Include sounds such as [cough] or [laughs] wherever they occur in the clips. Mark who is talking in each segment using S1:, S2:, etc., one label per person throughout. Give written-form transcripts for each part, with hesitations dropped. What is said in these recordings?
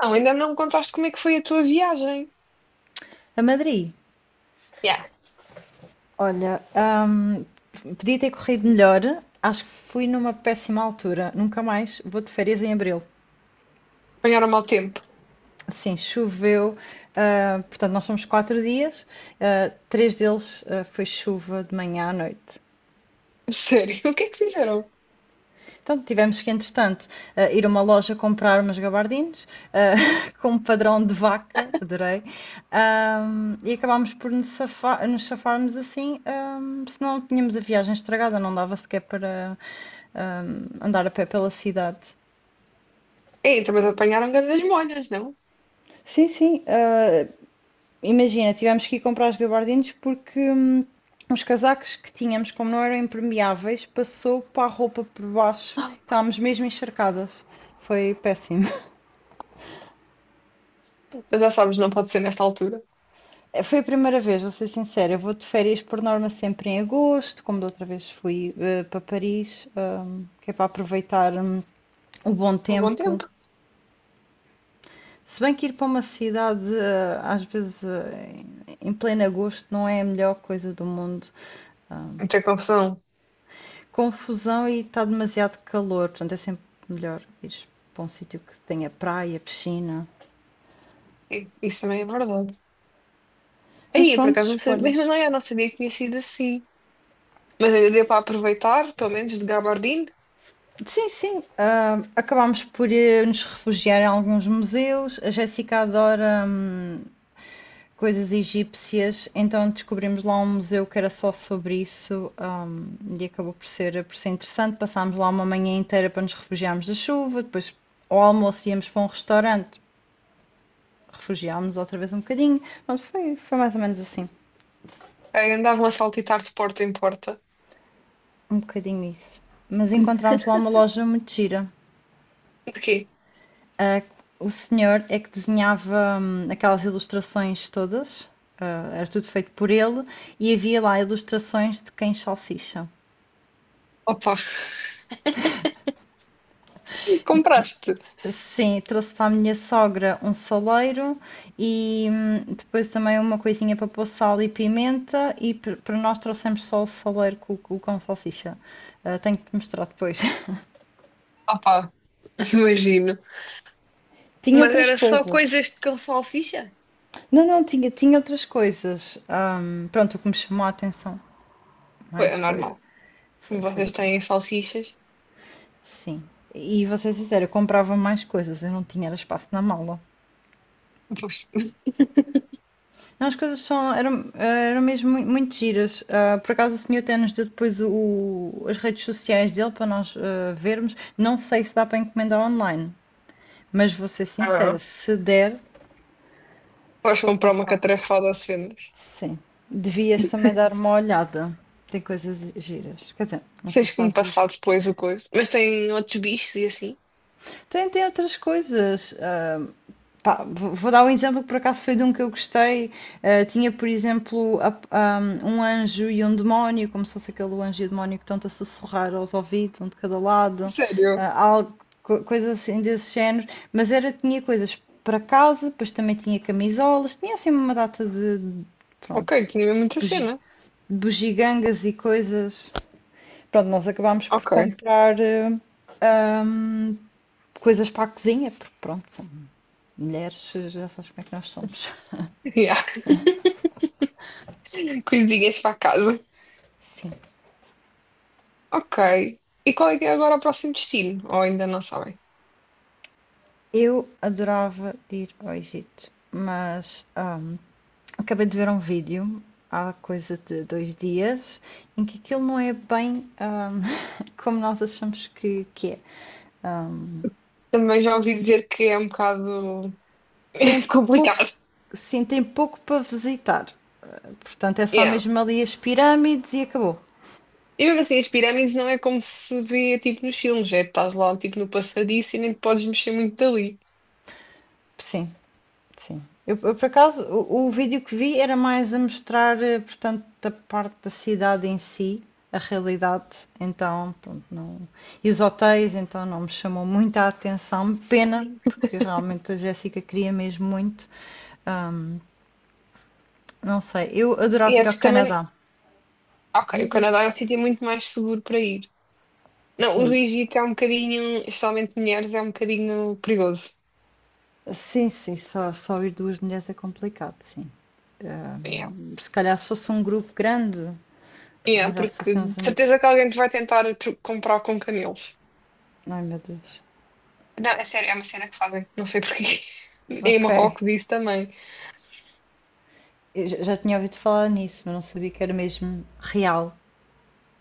S1: Não, ainda não me contaste como é que foi a tua viagem.
S2: A Madrid,
S1: Yeah.
S2: olha, hum, podia ter corrido melhor. Acho que fui numa péssima altura. Nunca mais vou de férias em abril.
S1: Apanharam mau tempo.
S2: Sim, choveu. Portanto, nós fomos quatro dias. Três deles foi chuva de manhã à noite.
S1: [laughs] Sério, o que é que fizeram?
S2: Então, tivemos que, entretanto, ir a uma loja comprar umas gabardines ah, [laughs] com um padrão de vaca, adorei. E acabámos por nos safarmos assim, senão tínhamos a viagem estragada, não dava sequer para andar a pé pela cidade.
S1: Ei, também te apanharam grandes molhas, não? [gasps]
S2: Sim, sim. Imagina, tivemos que ir comprar os gabardines porque os casacos que tínhamos, como não eram impermeáveis, passou para a roupa por baixo.
S1: Ah,
S2: Estávamos mesmo encharcadas. Foi péssimo. [laughs]
S1: tu já sabes, não pode ser nesta altura.
S2: Foi a primeira vez, vou ser sincera. Eu vou de férias por norma sempre em agosto, como da outra vez fui para Paris, que é para aproveitar o bom
S1: Por bom
S2: tempo.
S1: tempo.
S2: Se bem que ir para uma cidade, às vezes, em pleno agosto, não é a melhor coisa do mundo. Ah,
S1: Muita confusão.
S2: Confusão e está demasiado calor, portanto, é sempre melhor ir para um sítio que tenha praia, piscina.
S1: Sim, isso também é verdade.
S2: Mas
S1: Aí, por
S2: pronto,
S1: acaso, não sabia, mas
S2: escolhas.
S1: não, eu não sabia que tinha sido assim. Mas ainda deu para aproveitar, pelo menos de gabardine.
S2: Sim, sim. Acabámos por nos refugiar em alguns museus. A Jéssica adora coisas egípcias, então descobrimos lá um museu que era só sobre isso, e acabou por por ser interessante. Passámos lá uma manhã inteira para nos refugiarmos da chuva, depois ao almoço íamos para um restaurante, refugiámos outra vez um bocadinho. Pronto, foi mais ou menos assim,
S1: Aí andavam a saltitar de porta em porta.
S2: um bocadinho isso. Mas encontramos lá uma loja muito gira.
S1: De quê?
S2: Ah, o senhor é que desenhava, aquelas ilustrações todas, era tudo feito por ele, e havia lá ilustrações de cães salsicha.
S1: Opa, [laughs] compraste.
S2: Sim, trouxe para a minha sogra um saleiro e, depois também uma coisinha para pôr sal e pimenta e para nós trouxemos só o saleiro com salsicha. Ah, tenho que te mostrar depois.
S1: Opa, imagino.
S2: [laughs] Tinha
S1: Mas
S2: outras
S1: era só
S2: coisas.
S1: coisas de com salsicha?
S2: Não, não, tinha outras coisas. Pronto, o que me chamou a atenção
S1: Foi
S2: mais
S1: anormal. Como
S2: foi
S1: vocês
S2: do caso.
S1: têm salsichas,
S2: Sim. E vocês fizeram, eu comprava mais coisas, eu não tinha era espaço na mala.
S1: pois,
S2: Não, as coisas eram, eram mesmo muito, muito giras. Ah, por acaso o senhor até nos deu depois as redes sociais dele para nós vermos. Não sei se dá para encomendar online, mas vou ser sincera,
S1: ah,
S2: se der,
S1: podes
S2: sou
S1: comprar uma
S2: capaz.
S1: catrafada a cenas.
S2: Sim. Devias também dar uma olhada. Tem coisas giras. Quer dizer, não sei
S1: Tens
S2: se
S1: que me
S2: fazes.
S1: passar depois o coisa. Mas tem outros bichos e assim.
S2: Tem, tem outras coisas. Pá, vou dar um exemplo que por acaso foi de um que eu gostei. Eh, tinha, por exemplo, um anjo e um demónio, como se fosse aquele anjo e o demónio que estão-te a sussurrar aos ouvidos, um de cada lado,
S1: Sério?
S2: ah, algo, coisas assim desse género. Mas era, tinha coisas para casa, depois também tinha camisolas, tinha assim uma data
S1: Ok,
S2: pronto,
S1: tinha mesmo muita
S2: bugi-
S1: cena.
S2: bugigangas e coisas. Pronto, nós acabámos por
S1: Ok.
S2: comprar ahm, coisas para a cozinha, porque pronto, mulheres já sabes como é que nós somos.
S1: Yeah. [laughs] Coisinhas para casa.
S2: Sim.
S1: Ok. E qual é que é agora o próximo destino? Ou ainda não sabem?
S2: Eu adorava ir ao Egito, mas acabei de ver um vídeo há coisa de dois dias em que aquilo não é bem, [laughs] como nós achamos que é. Hum,
S1: Também já ouvi dizer que é um bocado [laughs]
S2: Tem pouco,
S1: complicado.
S2: sim, tem pouco para visitar. Portanto, é só
S1: Yeah.
S2: mesmo ali as pirâmides e acabou.
S1: E mesmo assim, as pirâmides não é como se vê tipo nos filmes, é estás lá tipo no passadiço e nem te podes mexer muito dali.
S2: Sim, sim. Eu por acaso, o vídeo que vi era mais a mostrar, portanto, a parte da cidade em si, a realidade, então, pronto, não. E os hotéis, então, não me chamou muita atenção. Pena, porque realmente a Jéssica queria mesmo muito. Ahm, não sei, eu
S1: E
S2: adorava ir ao
S1: acho que também.
S2: Canadá.
S1: Ok, o
S2: Diz, diz.
S1: Canadá é um sítio muito mais seguro para ir. Não, o
S2: Sim,
S1: Egito é um bocadinho, especialmente mulheres, é um bocadinho perigoso.
S2: sim, sim, só ir duas mulheres é complicado, sim.
S1: Yeah.
S2: Se calhar se fosse um grupo grande,
S1: Yeah,
S2: arranjasse
S1: porque
S2: assim
S1: de
S2: uns amigos.
S1: certeza que alguém te vai tentar comprar com camelos.
S2: Ai, meu Deus.
S1: Não, é sério, é uma cena que fazem, não sei porquê. [laughs] Em
S2: Ok.
S1: Marrocos isso também.
S2: Eu já tinha ouvido falar nisso, mas não sabia que era mesmo real.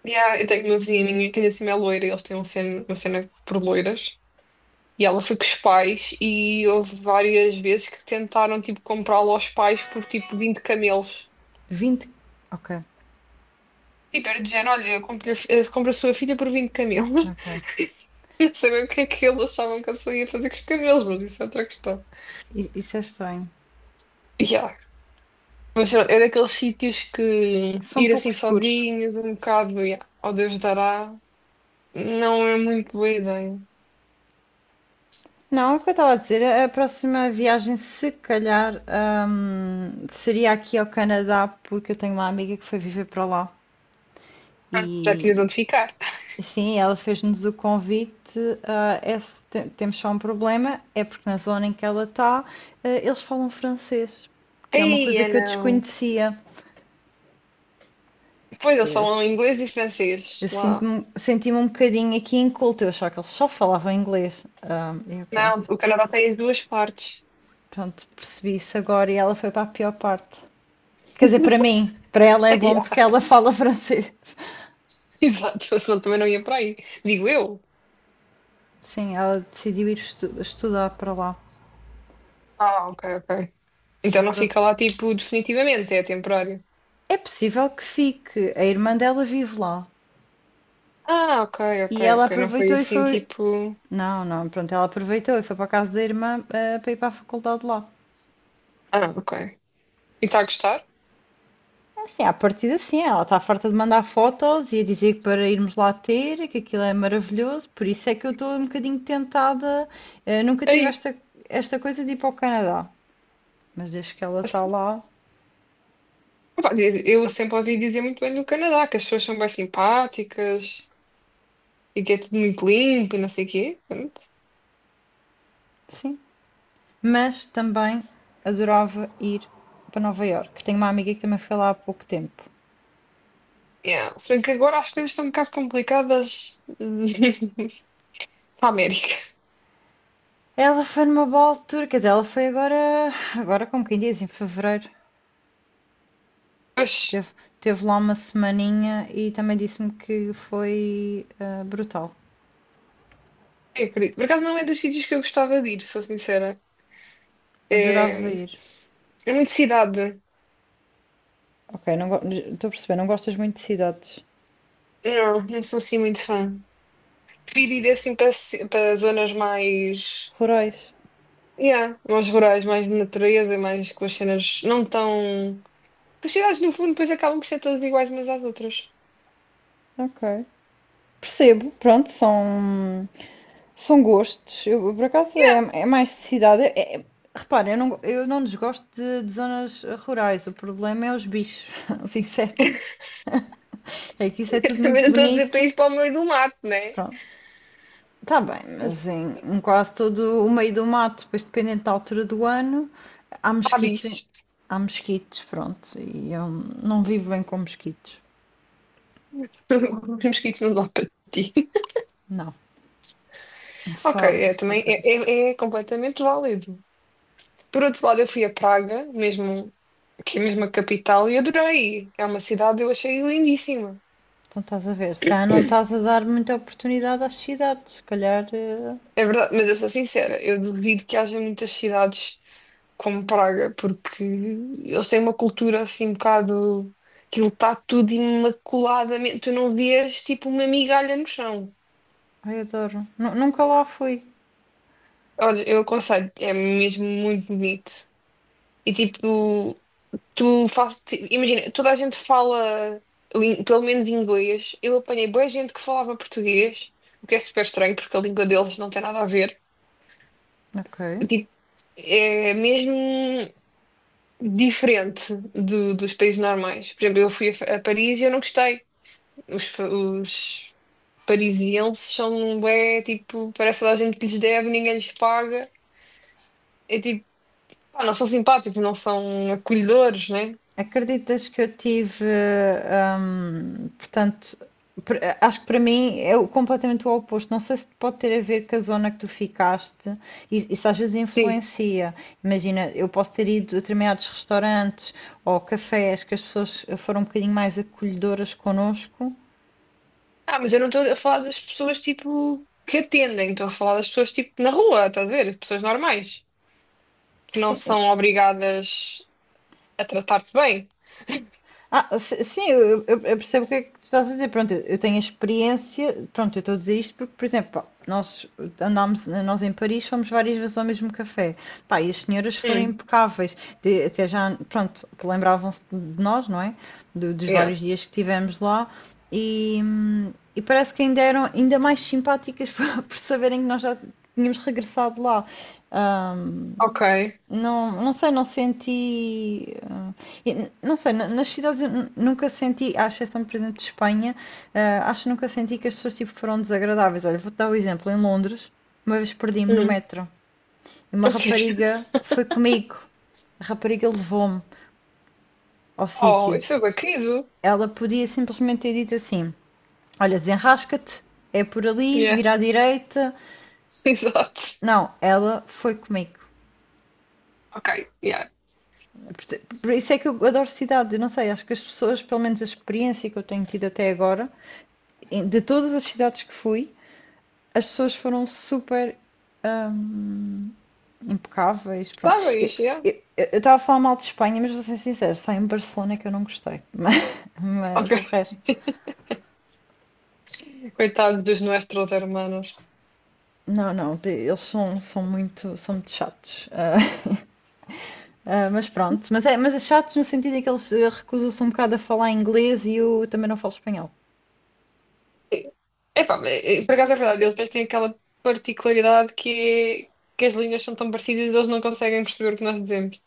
S1: Yeah, eu tenho uma vizinha minha que ainda assim é loira e eles têm uma cena por loiras. E ela foi com os pais e houve várias vezes que tentaram tipo comprá-la aos pais por tipo 20 camelos.
S2: Vinte. Ok,
S1: Tipo, era de género, olha, compra a sua filha por 20 camelos.
S2: ok.
S1: Eu sabia o que é que eles achavam que a pessoa ia fazer com os cabelos, mas isso é outra questão.
S2: Isso é estranho.
S1: Yeah. Mas pronto, é daqueles sítios que
S2: São
S1: ir
S2: pouco
S1: assim
S2: seguros.
S1: sozinhos, um bocado, yeah, ao Deus dará, não é muito boa ideia.
S2: Não, é o que eu estava a dizer, a próxima viagem, se calhar, seria aqui ao Canadá, porque eu tenho uma amiga que foi viver para lá.
S1: Ah, já tinhas
S2: E,
S1: onde ficar.
S2: e sim, ela fez-nos o convite. É se te- temos só um problema, é porque na zona em que ela está, eles falam francês, que é uma
S1: Ei
S2: coisa
S1: é
S2: que eu
S1: não.
S2: desconhecia.
S1: Pois eles falam inglês e francês
S2: Eu
S1: lá.
S2: senti-me um bocadinho aqui inculta, eu achava que eles só falavam inglês. Ah, e ok,
S1: Não, o Canadá tem as duas partes.
S2: pronto, percebi isso agora e ela foi para a pior parte. Quer dizer, para mim, para ela é
S1: [laughs]
S2: bom
S1: Yeah,
S2: porque ela [laughs] fala francês.
S1: exato, senão também não ia para aí. Digo eu.
S2: Sim, ela decidiu estudar para lá.
S1: Ah, ok. Então
S2: à
S1: não
S2: pro-
S1: fica lá tipo definitivamente, é temporário.
S2: É possível que fique, a irmã dela vive lá.
S1: Ah, ok, ok,
S2: E ela
S1: ok. Não foi
S2: aproveitou e
S1: assim
S2: foi.
S1: tipo.
S2: Não, não, pronto, ela aproveitou e foi para a casa da irmã, para ir para a faculdade lá.
S1: Ah, ok. E está a gostar?
S2: É assim, à partida sim, ela está farta de mandar fotos e a dizer que para irmos lá ter, que aquilo é maravilhoso, por isso é que eu estou um bocadinho tentada. Nunca tive
S1: Aí.
S2: esta, esta coisa de ir para o Canadá, mas desde que ela está
S1: Assim,
S2: lá,
S1: pá, eu sempre ouvi dizer muito bem do Canadá, que as pessoas são bem simpáticas e que é tudo muito limpo e não sei o quê. Pronto.
S2: sim. Mas também adorava ir para Nova Iorque. Tenho uma amiga que também foi lá há pouco tempo.
S1: Yeah. Se bem que agora as coisas estão um bocado complicadas [laughs] para a América.
S2: Ela foi numa boa altura, quer dizer, ela foi agora, agora como quem diz, em fevereiro.
S1: Mas
S2: Teve, teve lá uma semaninha e também disse-me que foi brutal.
S1: eu acredito. Por acaso não é dos sítios que eu gostava de ir, sou sincera.
S2: Adorava
S1: É,
S2: ir.
S1: é muito cidade.
S2: Ok, não go- estou a perceber, não gostas muito de cidades
S1: Não, não sou assim muito fã. Prefiro ir assim para, para zonas mais.
S2: rurais.
S1: Yeah, mais rurais, mais de natureza, mais com as cenas não tão. Que as cidades, no fundo, depois acabam por ser todas iguais umas às outras.
S2: Ok. Percebo, pronto, são gostos. Eu, por acaso
S1: Yeah.
S2: é mais de cidade. Repara, eu não desgosto de zonas rurais. O problema é os bichos, [laughs] os insetos. É que isso é
S1: [laughs]
S2: tudo
S1: Também
S2: muito
S1: não estou a dizer para
S2: bonito.
S1: ir para o meio do mato, né?
S2: Pronto, está bem, mas em, em quase todo o meio do mato, depois dependendo da altura do ano, há
S1: Há
S2: mosquitos.
S1: bichos.
S2: Há mosquitos, pronto. E eu não vivo bem com mosquitos.
S1: [laughs] Os mosquitos não dá para ti.
S2: Não.
S1: Ok,
S2: Só,
S1: é,
S2: só
S1: também
S2: por isso.
S1: é, é, é completamente válido. Por outro lado, eu fui a Praga, mesmo, que é mesmo a capital, e adorei. É uma cidade, eu achei lindíssima.
S2: Então estás a ver, se calhar não estás a dar muita oportunidade às cidades, se calhar.
S1: É verdade, mas eu sou sincera, eu duvido que haja muitas cidades como Praga, porque eles têm uma cultura assim um bocado. Aquilo está tudo imaculadamente. Tu não vias tipo uma migalha no chão.
S2: Ai, adoro. Nunca lá fui.
S1: Olha, eu aconselho, é mesmo muito bonito. E tipo, tu fazes. Imagina, toda a gente fala pelo menos inglês. Eu apanhei boa gente que falava português, o que é super estranho porque a língua deles não tem nada a ver.
S2: Ok.
S1: Tipo, é mesmo diferente dos países normais. Por exemplo, eu fui a, a Paris e eu não gostei. Os, os parisienses são bem, tipo, parece toda a gente que lhes deve, ninguém lhes paga. É tipo, pá, não são simpáticos, não são acolhedores, né?
S2: Acreditas que eu tive. Portanto, acho que para mim é completamente o oposto. Não sei se pode ter a ver com a zona que tu ficaste, e isso às vezes
S1: Sim.
S2: influencia. Imagina, eu posso ter ido a determinados restaurantes ou cafés que as pessoas foram um bocadinho mais acolhedoras connosco.
S1: Ah, mas eu não estou a falar das pessoas, tipo, que atendem. Estou a falar das pessoas, tipo, na rua, estás a ver? As pessoas normais, que não
S2: Sim.
S1: são obrigadas a tratar-te bem.
S2: Sim, eu percebo o que é que tu estás a dizer. Pronto, eu tenho a experiência. Pronto, eu estou a dizer isto porque, por exemplo, pá, nós andámos, nós em Paris fomos várias vezes ao mesmo café. Pá, e as senhoras foram
S1: Hum,
S2: impecáveis. Até já, pronto, que lembravam-se de nós, não é? Dos
S1: yeah.
S2: vários dias que tivemos lá. E, hum, e parece que ainda eram ainda mais simpáticas [laughs] por saberem que nós já tínhamos regressado lá. Ahm,
S1: Ok.
S2: não, não sei, não senti. Não sei, nas cidades eu nunca senti, à exceção, por exemplo, de Espanha, acho que nunca senti que as pessoas tipo, foram desagradáveis. Olha, vou-te dar o exemplo. Em Londres, uma vez perdi-me no
S1: Hum,
S2: metro e uma
S1: a sério. [laughs]
S2: rapariga foi comigo. A rapariga levou-me ao
S1: Oh,
S2: sítio.
S1: isso foi bem querido.
S2: Ela podia simplesmente ter dito assim: Olha, desenrasca-te, é por ali, vira à direita.
S1: [laughs] Exato.
S2: Não, ela foi comigo.
S1: Ok, yeah.
S2: Por isso é que eu adoro cidades. Eu não sei, acho que as pessoas, pelo menos a experiência que eu tenho tido até agora, de todas as cidades que fui, as pessoas foram super hum, impecáveis. Pronto.
S1: Está bem, yeah.
S2: Eu estava a falar mal de Espanha, mas vou ser sincera, só em Barcelona é que eu não gostei. [laughs]
S1: Ok.
S2: Mas o resto.
S1: Coitado dos nossos hermanos.
S2: Não, não, eles são muito chatos. [laughs] Ah, ah, mas pronto, mas é chatos no sentido em que eles recusam-se um bocado a falar inglês e eu também não falo espanhol.
S1: Sim. Epá, mas, por acaso é verdade, eles depois têm aquela particularidade que, que as linhas são tão parecidas e eles não conseguem perceber o que nós dizemos.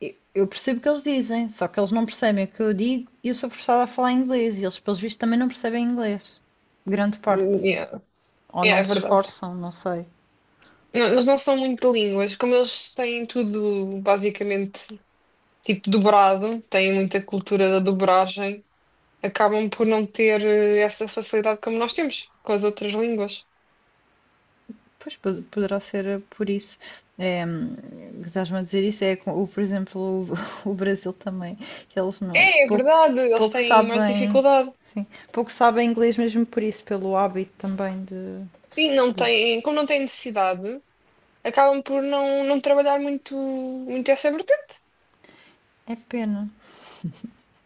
S2: Eu percebo o que eles dizem, só que eles não percebem o que eu digo e eu sou forçada a falar inglês e eles, pelos vistos, também não percebem inglês. Grande parte.
S1: Yeah.
S2: Ou
S1: Yeah, é
S2: não se
S1: verdade.
S2: esforçam, não sei.
S1: Não, eles não são muito de línguas, como eles têm tudo basicamente tipo dobrado, têm muita cultura da dobragem, acabam por não ter essa facilidade como nós temos com as outras línguas.
S2: Pois poderá ser, por isso. É, estás-me a dizer isso? É, por exemplo, [laughs] o Brasil também. Eles não,
S1: É, é
S2: pouco,
S1: verdade, eles
S2: pouco
S1: têm mais
S2: sabem,
S1: dificuldade.
S2: sim, pouco sabem inglês mesmo por isso, pelo hábito também
S1: Sim, não
S2: de-
S1: têm, como não têm necessidade, acabam por não, não trabalhar muito essa vertente.
S2: é pena,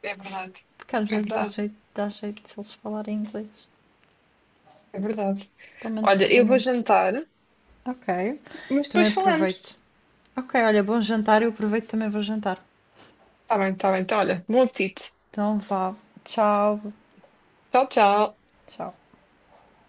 S1: É verdade,
S2: porque às
S1: é
S2: vezes
S1: verdade,
S2: dá jeito se eles falarem inglês.
S1: é verdade.
S2: Pelo menos
S1: Olha,
S2: para
S1: eu vou
S2: mim.
S1: jantar,
S2: Ok,
S1: mas
S2: também
S1: depois falamos.
S2: aproveito. Ok, olha, bom jantar. Eu aproveito também vou jantar.
S1: Tá bem. Então, olha, bom apetite.
S2: Então vá. Tchau.
S1: Tchau, tchau.
S2: Tchau.